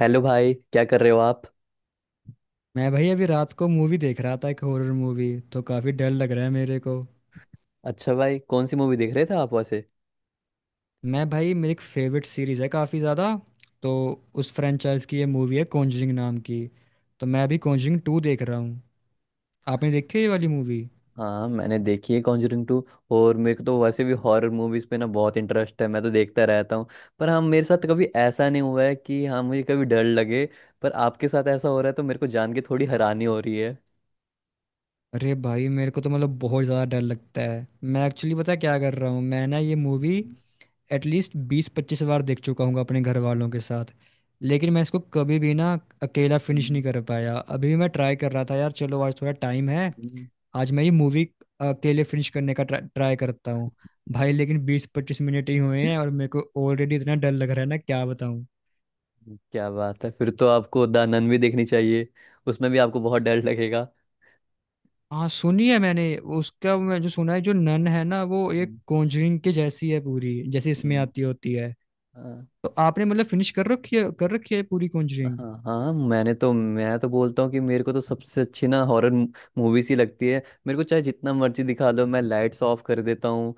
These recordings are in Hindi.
हेलो भाई, क्या कर रहे हो आप। मैं भाई अभी रात को मूवी देख रहा था, एक हॉरर मूवी। तो काफ़ी डर लग रहा है मेरे को। अच्छा भाई, कौन सी मूवी देख रहे थे आप वैसे। मैं भाई मेरी एक फेवरेट सीरीज़ है काफ़ी ज़्यादा, तो उस फ्रेंचाइज की ये मूवी है, कॉन्जरिंग नाम की। तो मैं अभी कॉन्जरिंग टू देख रहा हूँ। आपने देखी है ये वाली मूवी? हाँ मैंने देखी है कॉन्जरिंग टू। और मेरे को तो वैसे भी हॉरर मूवीज पे ना बहुत इंटरेस्ट है, मैं तो देखता रहता हूँ। पर हाँ मेरे साथ कभी ऐसा नहीं हुआ है कि हाँ मुझे कभी डर लगे। पर आपके साथ ऐसा हो रहा है तो मेरे को जान के थोड़ी हैरानी हो रही है। अरे भाई, मेरे को तो मतलब बहुत ज़्यादा डर लगता है। मैं एक्चुअली पता है क्या कर रहा हूँ, मैं ना ये मूवी हम्म, एटलीस्ट 20-25 बार देख चुका हूँ अपने घर वालों के साथ। लेकिन मैं इसको कभी भी ना अकेला फिनिश हम्म, नहीं कर पाया। अभी मैं ट्राई कर रहा था, यार चलो आज थोड़ा टाइम है, हम्म, आज मैं ये मूवी के लिए फिनिश करने का ट्राई करता हूँ। भाई लेकिन 20-25 मिनट ही हुए हैं और मेरे को ऑलरेडी इतना डर लग रहा है ना, क्या बताऊँ। क्या बात है, फिर तो आपको द नन भी देखनी चाहिए। उसमें भी आपको बहुत डर लगेगा। हाँ, सुनी है मैंने उसका, मैं जो सुना है जो नन है ना वो एक हम्म, कॉन्जरिंग के जैसी है पूरी, जैसे इसमें आती होती है। हम्म। तो आपने मतलब फिनिश कर रखी है पूरी कॉन्जरिंग? हाँ हाँ, मैं तो बोलता हूँ कि मेरे को तो सबसे अच्छी ना हॉरर मूवीज ही लगती है। मेरे को चाहे जितना मर्जी दिखा दो, मैं लाइट्स ऑफ कर देता हूँ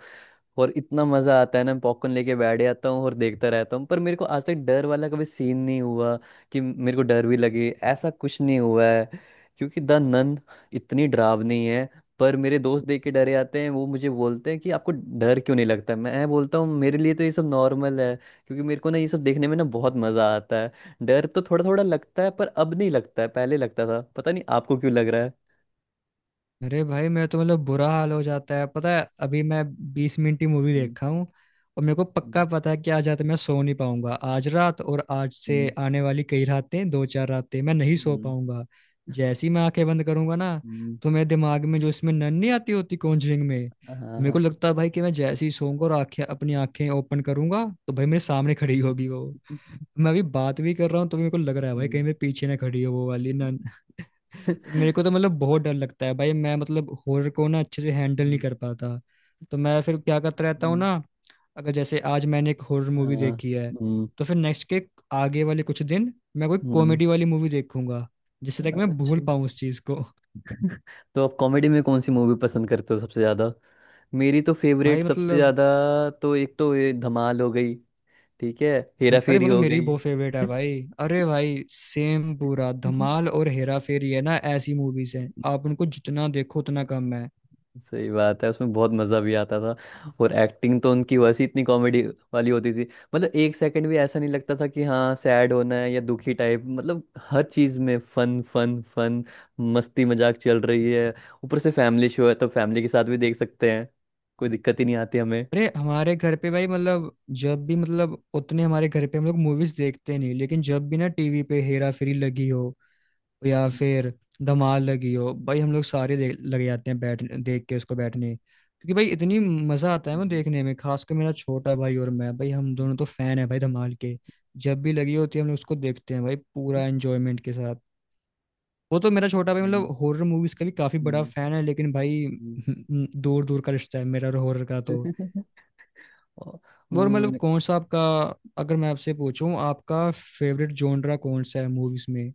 और इतना मजा आता है ना, पॉपकॉर्न लेके बैठ जाता हूँ और देखता रहता हूँ। पर मेरे को आज तक डर वाला कभी सीन नहीं हुआ कि मेरे को डर भी लगे, ऐसा कुछ नहीं हुआ है। क्योंकि द नन इतनी डरावनी है पर मेरे दोस्त देख के डरे जाते हैं, वो मुझे बोलते हैं कि आपको डर क्यों नहीं लगता। मैं बोलता हूँ मेरे लिए तो ये सब नॉर्मल है, क्योंकि मेरे को ना ये सब देखने में ना बहुत मजा आता है। डर तो थोड़ा थोड़ा लगता है पर अब नहीं लगता है, पहले लगता था। पता नहीं आपको क्यों लग रहा है। अरे भाई मेरा तो मतलब बुरा हाल हो जाता है। पता है अभी मैं 20 मिनट की मूवी हम्म, देखा हूँ, और मेरे को हम्म, पक्का पता है कि आज रात मैं सो नहीं पाऊंगा, आज रात और आज से हम्म, आने वाली कई रातें, दो चार रातें मैं नहीं सो हम्म, पाऊंगा। जैसे ही मैं आंखें बंद करूंगा ना, हम्म, तो मेरे दिमाग में जो इसमें नन नहीं आती होती कॉन्जरिंग में, मेरे को हाँ। लगता है भाई कि मैं जैसे ही सोऊंगा और आंखें, अपनी आंखें ओपन करूंगा तो भाई मेरे सामने खड़ी होगी वो। मैं अभी बात भी कर रहा हूँ तो मेरे को लग रहा है भाई हम्म। कहीं मेरे पीछे ना खड़ी हो वो वाली। तो मेरे को तो मतलब बहुत डर लगता है भाई, मैं मतलब हॉरर को ना अच्छे से हैंडल नहीं हम्म, कर पाता। तो मैं फिर क्या करता रहता हूँ हम्म, ना, अगर जैसे आज मैंने एक हॉरर अ, मूवी देखी है, हम्म, तो फिर नेक्स्ट के आगे वाले कुछ दिन मैं कोई हम्म, कॉमेडी वाली मूवी देखूंगा, जिससे तक मैं भूल अच्छा। पाऊँ उस चीज को। तो आप कॉमेडी में कौन सी मूवी पसंद करते हो सबसे ज़्यादा। मेरी तो भाई फेवरेट सबसे मतलब, ज़्यादा, तो एक तो ये धमाल हो गई, ठीक है, हेरा अरे फेरी वो तो हो मेरी भी गई। बहुत फेवरेट है भाई। अरे भाई सेम पूरा, धमाल और हेरा फेरी है ना ऐसी मूवीज हैं, आप उनको जितना देखो उतना कम है। सही बात है, उसमें बहुत मज़ा भी आता था। और एक्टिंग तो उनकी वैसे ही इतनी कॉमेडी वाली होती थी, मतलब एक सेकंड भी ऐसा नहीं लगता था कि हाँ सैड होना है या दुखी टाइप। मतलब हर चीज़ में फन फन फन, मस्ती मजाक चल रही है। ऊपर से फैमिली शो है तो फैमिली के साथ भी देख सकते हैं, कोई दिक्कत ही नहीं आती हमें। अरे हमारे घर पे भाई मतलब, जब भी मतलब उतने हमारे घर पे हम लोग मूवीज देखते नहीं, लेकिन जब भी ना टीवी पे हेरा फेरी लगी हो या हम्म, फिर धमाल लगी हो, भाई हम लोग सारे देख लग जाते हैं, बैठ देख के उसको बैठने, क्योंकि भाई इतनी मजा आता है ना हम्म, देखने में, खासकर मेरा छोटा भाई और मैं, भाई हम दोनों तो फैन है भाई धमाल के। जब भी लगी होती है हम लोग उसको देखते हैं भाई पूरा एंजॉयमेंट के साथ। वो तो मेरा छोटा भाई मतलब हम्म, हॉरर मूवीज का भी काफी बड़ा हम्म, फैन है, लेकिन भाई हम्म। दूर दूर का रिश्ता है मेरा और हॉरर का तो। हम्म, और- और मतलब हम्म। कौन सा आपका, अगर मैं आपसे पूछूं आपका फेवरेट जॉनरा कौन सा है मूवीज में?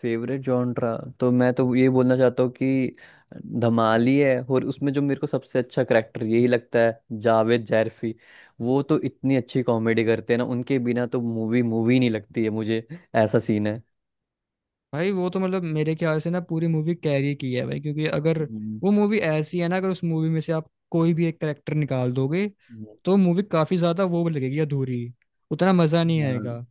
फेवरेट जॉनरा तो मैं तो ये बोलना चाहता हूँ कि धमाली है, और उसमें जो मेरे को सबसे अच्छा करेक्टर यही लगता है, जावेद जैरफी। वो तो इतनी अच्छी कॉमेडी करते हैं ना, उनके बिना तो मूवी मूवी नहीं लगती है मुझे ऐसा सीन है। भाई वो तो मतलब मेरे ख्याल से ना पूरी मूवी कैरी की है भाई, क्योंकि अगर हम्म, वो मूवी ऐसी है ना, अगर उस मूवी में से आप कोई भी एक करेक्टर निकाल दोगे, हम्म, तो मूवी काफी ज्यादा वो लगेगी, अधूरी, उतना मजा नहीं हाँ आएगा।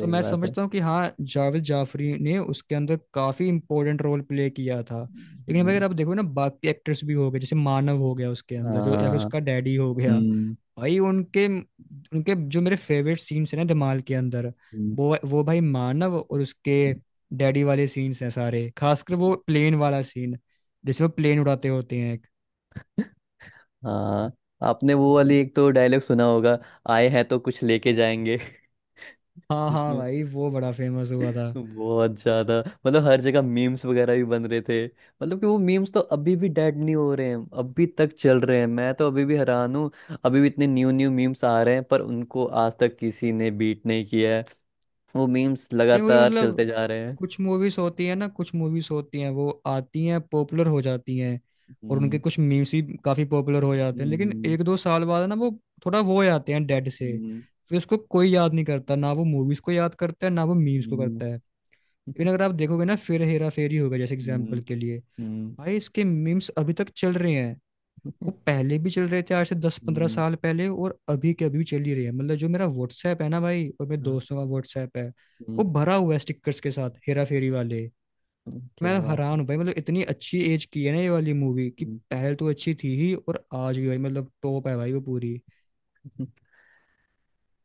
तो मैं बात है। समझता हूँ कि हाँ, जावेद जाफरी ने उसके अंदर काफी इंपॉर्टेंट रोल प्ले किया था। लेकिन भाई हम्म, अगर आप देखो ना, बाकी एक्टर्स भी हो गए, जैसे मानव हो गया उसके अंदर जो, या फिर हाँ। उसका डैडी हो गया। हम्म, भाई उनके उनके जो मेरे फेवरेट सीन्स हैं ना धमाल के अंदर, हम्म, वो भाई मानव और उसके डैडी वाले सीन्स हैं सारे, खासकर वो प्लेन वाला सीन, जिसमें प्लेन उड़ाते होते हैं एक। हाँ, आपने वो वाली एक तो डायलॉग सुना होगा, आए हैं तो कुछ लेके जाएंगे। हाँ हाँ जिसमें भाई वो बड़ा फेमस हुआ था। बहुत ज्यादा, मतलब हर जगह मीम्स वगैरह भी बन रहे थे। मतलब कि वो मीम्स तो अभी भी डेड नहीं हो रहे हैं, अभी तक चल रहे हैं। मैं तो अभी भी हैरान हूँ, अभी भी इतने न्यू न्यू मीम्स आ रहे हैं, पर उनको आज तक किसी ने बीट नहीं किया है। वो मीम्स नहीं वही लगातार मतलब, चलते जा रहे हैं। कुछ मूवीज होती हैं, वो आती हैं पॉपुलर हो जाती हैं, और उनके हम्म, कुछ मीम्स भी काफी पॉपुलर हो जाते हैं, लेकिन हम्म, एक दो साल बाद ना वो थोड़ा वो हो जाते हैं डेड से, हम्म, फिर उसको कोई याद नहीं करता, ना वो मूवीज को याद करता है ना वो मीम्स को हम्म, करता है। लेकिन अगर आप देखोगे ना फिर हेरा फेरी होगा, जैसे एग्जाम्पल हम्म, के लिए, हम्म, भाई इसके मीम्स अभी तक चल रहे हैं। वो पहले भी चल रहे थे, आज से दस पंद्रह हम्म, साल पहले, और अभी के अभी भी चल ही रहे हैं, मतलब जो मेरा व्हाट्सएप है ना भाई और मेरे हम्म, दोस्तों का व्हाट्सएप है, वो भरा हुआ है स्टिकर्स के साथ हेरा फेरी वाले। क्या मैं बात है। हैरान हूँ भाई, मतलब इतनी अच्छी एज की है ना ये वाली मूवी कि पहले तो अच्छी थी ही, और आज भी भाई मतलब टॉप है भाई वो पूरी। हम्म,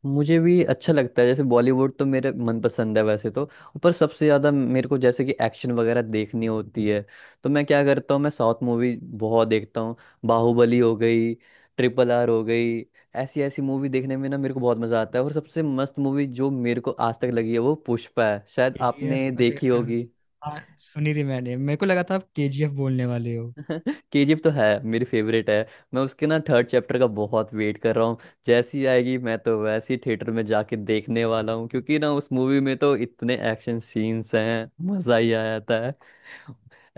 मुझे भी अच्छा लगता है। जैसे बॉलीवुड तो मेरे मनपसंद है वैसे तो, पर सबसे ज़्यादा मेरे को जैसे कि एक्शन वगैरह देखनी होती है, तो मैं क्या करता हूँ, मैं साउथ मूवी बहुत देखता हूँ। बाहुबली हो गई, ट्रिपल आर हो गई, ऐसी ऐसी मूवी देखने में ना मेरे को बहुत मज़ा आता है। और सबसे मस्त मूवी जो मेरे को आज तक लगी है वो पुष्पा है, शायद आपने केजीएफ, अच्छा, देखी हाँ। होगी। हाँ, सुनी थी मैंने, मेरे को लगा था आप केजीएफ बोलने वाले हो। केजीएफ तो है मेरी फेवरेट है। मैं उसके ना थर्ड चैप्टर का बहुत वेट कर रहा हूँ। जैसी आएगी मैं तो वैसी थिएटर में जाके देखने वाला हूँ, क्योंकि ना उस मूवी में तो इतने एक्शन सीन्स हैं, मजा ही आ जाता है।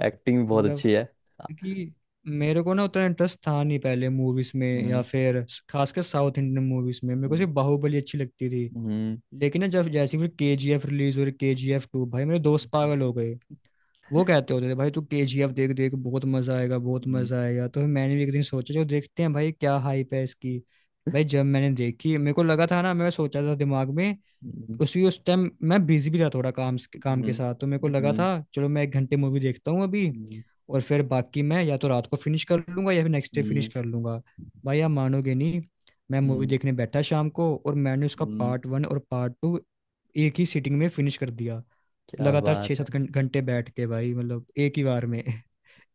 एक्टिंग बहुत मतलब, अच्छी है। क्योंकि मेरे को ना उतना इंटरेस्ट था नहीं पहले मूवीज में, या हम्म, फिर खासकर साउथ इंडियन मूवीज में, मेरे को हम्म, सिर्फ बाहुबली अच्छी लगती थी। हम्म, लेकिन ना जब जैसे ही फिर के जी एफ रिलीज हो रही, के जी एफ टू, भाई मेरे दोस्त पागल हो गए। वो कहते होते थे भाई तू के जी एफ देख देख, बहुत मजा आएगा बहुत हम्म, मजा आएगा, तो फिर मैंने भी एक दिन सोचा जो देखते हैं भाई क्या हाइप है इसकी। भाई जब मैंने देखी, मेरे को लगा था ना, मैं सोचा था दिमाग में, हम्म, उसी उस टाइम मैं बिजी भी था थोड़ा, काम हम्म, के साथ, तो मेरे को लगा हम्म, था चलो मैं एक घंटे मूवी देखता हूँ अभी, और फिर बाकी मैं या तो रात को फिनिश कर लूंगा या फिर नेक्स्ट डे फिनिश हम्म, कर लूंगा। भाई आप मानोगे नहीं, मैं मूवी हम्म, देखने बैठा शाम को और मैंने उसका हम्म, पार्ट वन और पार्ट टू एक ही सिटिंग में फिनिश कर दिया। क्या लगातार छः बात है। सात घंटे बैठ के भाई, मतलब एक ही बार में।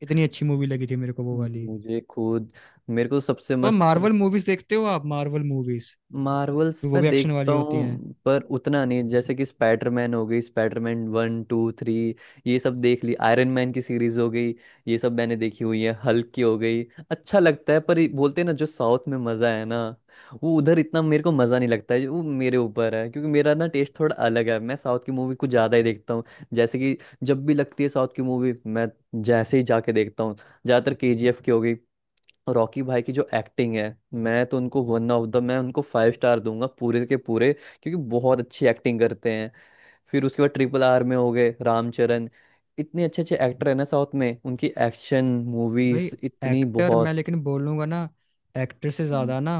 इतनी अच्छी मूवी लगी थी मेरे को वो वाली। मुझे खुद, मेरे को सबसे और मस्त तो, मार्वल मूवीज देखते हो आप? मार्वल मूवीज, मार्वल्स वो मैं भी एक्शन देखता वाली होती हैं। हूँ पर उतना नहीं। जैसे कि स्पाइडरमैन हो गई, स्पाइडरमैन वन टू थ्री, ये सब देख ली, आयरन मैन की सीरीज हो गई, ये सब मैंने देखी हुई है, हल्क की हो गई। अच्छा लगता है पर ये बोलते हैं ना जो साउथ में मज़ा है ना, वो उधर इतना मेरे को मज़ा नहीं लगता है। वो मेरे ऊपर है, क्योंकि मेरा ना टेस्ट थोड़ा अलग है, मैं साउथ की मूवी कुछ ज़्यादा ही देखता हूँ। जैसे कि जब भी लगती है साउथ की मूवी, मैं जैसे ही जाके देखता हूँ। ज़्यादातर केजीएफ की हो गई, रॉकी भाई की जो एक्टिंग है, मैं तो उनको वन ऑफ द मैं उनको फाइव स्टार दूंगा पूरे के पूरे, क्योंकि बहुत अच्छी एक्टिंग करते हैं। फिर उसके बाद ट्रिपल आर में हो गए रामचरण, इतने अच्छे अच्छे एक्टर है ना साउथ में, उनकी एक्शन भाई मूवीज इतनी एक्टर, मैं बहुत। लेकिन बोलूंगा ना, एक्टर से हम्म, ज्यादा ना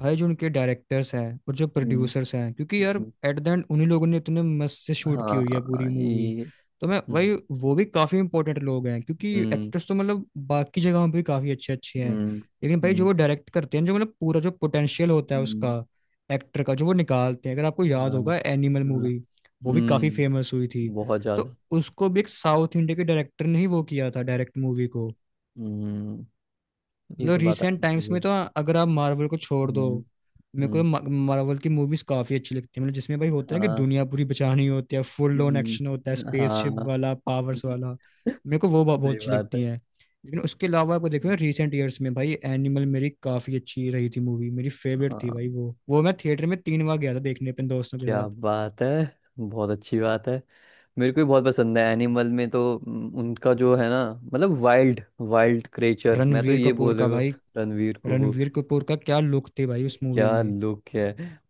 भाई जो उनके डायरेक्टर्स हैं और जो हम्म, प्रोड्यूसर्स हैं, क्योंकि यार हम्म, एट द एंड उन्हीं लोगों ने इतने मस्त से शूट की हुई है हाँ पूरी मूवी। ये। तो मैं भाई, हम्म, वो भी काफी इंपॉर्टेंट लोग हैं, क्योंकि हम्म, एक्टर्स तो मतलब बाकी जगहों पे भी काफी अच्छे अच्छे हैं, हम्म, लेकिन भाई जो हम्म, वो डायरेक्ट करते हैं, जो मतलब पूरा जो पोटेंशियल होता है उसका हम्म, एक्टर का, जो वो निकालते हैं। अगर आपको हाँ, याद होगा एनिमल हाँ, मूवी, वो भी काफी हम्म, फेमस हुई थी। बहुत तो ज्यादा। उसको भी एक साउथ इंडिया के डायरेक्टर ने ही वो किया था डायरेक्ट, मूवी को। हम्म, ये मतलब तो बात रिसेंट आपकी टाइम्स सही है। में तो, अगर आप मार्वल को छोड़ दो, हम्म, मेरे को हम्म, मार्वल की मूवीज काफी अच्छी लगती है, मतलब जिसमें भाई होता है कि हाँ। दुनिया पूरी बचानी होती है, फुल ऑन एक्शन होता है, स्पेसशिप हाँ। वाला, पावर्स सही वाला, मेरे को वो बहुत अच्छी बात है। लगती है। लेकिन उसके अलावा आपको देखो हम्म, रिसेंट ईयर्स में, भाई एनिमल मेरी काफी अच्छी रही थी मूवी, मेरी फेवरेट थी भाई हाँ, वो मैं थिएटर में तीन बार गया था देखने अपने दोस्तों के क्या साथ। बात है, बहुत अच्छी बात है। मेरे को भी बहुत पसंद है, एनिमल में तो उनका जो है ना, मतलब वाइल्ड वाइल्ड क्रेचर, मैं तो रणवीर ये कपूर बोले का वो। भाई, रणवीर को वो रणवीर कपूर का क्या लुक थे भाई उस मूवी क्या में। लुक है,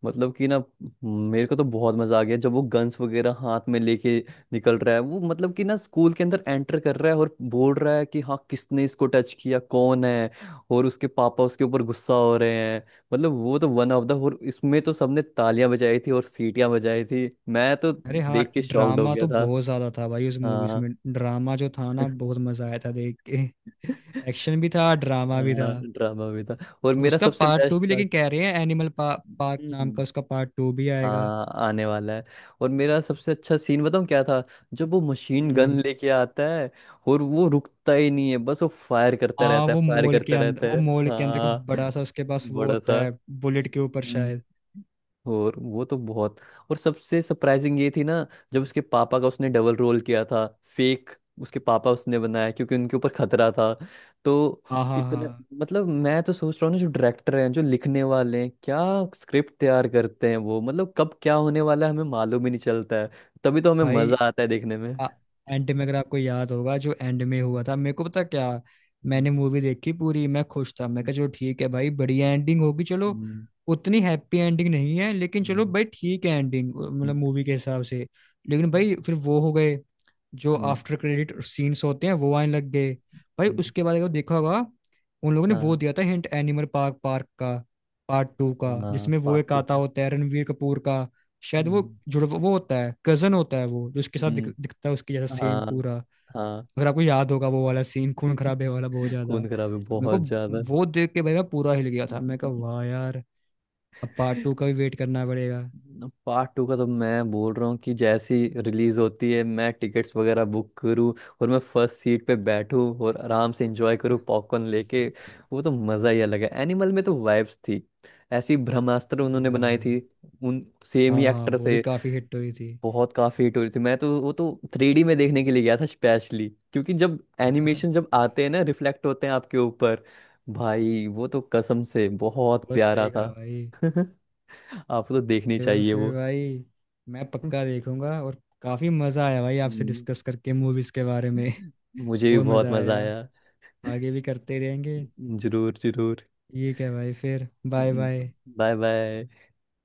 मतलब कि ना मेरे को तो बहुत मजा आ गया जब वो गन्स वगैरह हाथ में लेके निकल रहा है। वो मतलब कि ना स्कूल के अंदर एंटर कर रहा है, और बोल रहा है कि हाँ, किसने इसको टच किया, कौन है। और उसके पापा उसके ऊपर गुस्सा हो रहे हैं। मतलब वो तो वन ऑफ द, और इसमें तो सबने तालियां बजाई थी और सीटियां बजाई थी, मैं तो अरे हाँ देख के शॉक्ड हो ड्रामा गया तो था। बहुत ज्यादा था भाई उस मूवीज हाँ। में, ड्रामा जो था ना बहुत मजा आया था देख के। एक्शन भी था ड्रामा भी था। हाँ ड्रामा भी था। और अब मेरा उसका सबसे पार्ट टू बेस्ट भी लेकिन कह रहे हैं, एनिमल पार्क नाम का पार्ट, उसका पार्ट टू भी आएगा। हाँ, आने वाला है। और मेरा सबसे अच्छा सीन बताऊं क्या था। जब वो मशीन गन हम्म। लेके आता है और वो रुकता ही नहीं है, बस वो फायर करता हाँ रहता है, वो फायर मॉल के करता अंदर, रहता है। वो मॉल के अंदर का हाँ बड़ा सा उसके पास वो बड़ा होता था। है, बुलेट के ऊपर हम्म। शायद। और वो तो बहुत, और सबसे सरप्राइजिंग ये थी ना, जब उसके पापा का उसने डबल रोल किया था। फेक उसके पापा उसने बनाया, क्योंकि उनके ऊपर खतरा था, तो हाँ हाँ इतना, हाँ। मतलब मैं तो सोच रहा हूँ ना जो डायरेक्टर हैं जो लिखने वाले हैं, क्या स्क्रिप्ट तैयार करते हैं वो, मतलब कब क्या होने वाला है हमें मालूम ही नहीं चलता है। तभी तो हमें भाई मजा आता है देखने में। एंड में, अगर आपको याद होगा जो एंड में हुआ था, मेरे को पता क्या, हम्म, मैंने मूवी देखी पूरी, मैं खुश था, मैं कहा चलो ठीक है भाई बढ़िया एंडिंग होगी, चलो, हम्म, उतनी हैप्पी एंडिंग नहीं है, लेकिन चलो हम्म, भाई ठीक है एंडिंग, मतलब हम्म, मूवी के हिसाब से। लेकिन हम्म, भाई फिर वो हो गए जो हम्म, आफ्टर क्रेडिट सीन्स होते हैं, वो आने लग गए। भाई हम्म, उसके बाद अगर देखा होगा, उन लोगों ने वो हाँ। दिया था हिंट, एनिमल पार्क, पार्क का पार्ट टू का, हाँ जिसमें वो पार्ट एक टू। आता होता है रणवीर कपूर का, शायद वो हम्म, जुड़ वो होता है, कजन होता है वो जो उसके साथ हम्म, दिखता है उसके जैसा सेम हाँ। पूरा। हाँ। अगर आपको याद होगा वो वाला सीन खून खराबे वाला बहुत ज्यादा, खून खराब है तो मेरे को बहुत ज्यादा। वो देख के भाई मैं पूरा हिल गया था, मैं कहा वाह यार, अब पार्ट टू का भी वेट करना पड़ेगा। पार्ट टू का तो मैं बोल रहा हूँ कि जैसी रिलीज होती है, मैं टिकट्स वगैरह बुक करूँ, और मैं फर्स्ट सीट पे बैठूँ और आराम से एंजॉय करूँ पॉपकॉर्न लेके। वो तो मज़ा ही अलग है। एनिमल में तो वाइब्स थी ऐसी, ब्रह्मास्त्र ठीक है उन्होंने बनाई भाई। थी, उन सेम हाँ ही हाँ एक्टर वो भी थे। काफी हिट हुई थी। बहुत काफी हिट हो रही थी। मैं तो वो तो थ्री डी में देखने के लिए गया था स्पेशली, क्योंकि जब एनिमेशन जब आते हैं ना, रिफ्लेक्ट होते हैं आपके ऊपर। भाई वो तो कसम से बहुत बस प्यारा सही था। कहा भाई। आपको तो देखनी फिर चाहिए वो। फिर भाई मैं पक्का देखूंगा, और काफी मजा आया भाई आपसे हम्म। डिस्कस करके मूवीज के बारे में। मुझे भी बहुत बहुत मजा मजा आया, आया। आगे भी करते रहेंगे। जरूर जरूर। ये क्या भाई, फिर बाय बाय। Bye bye.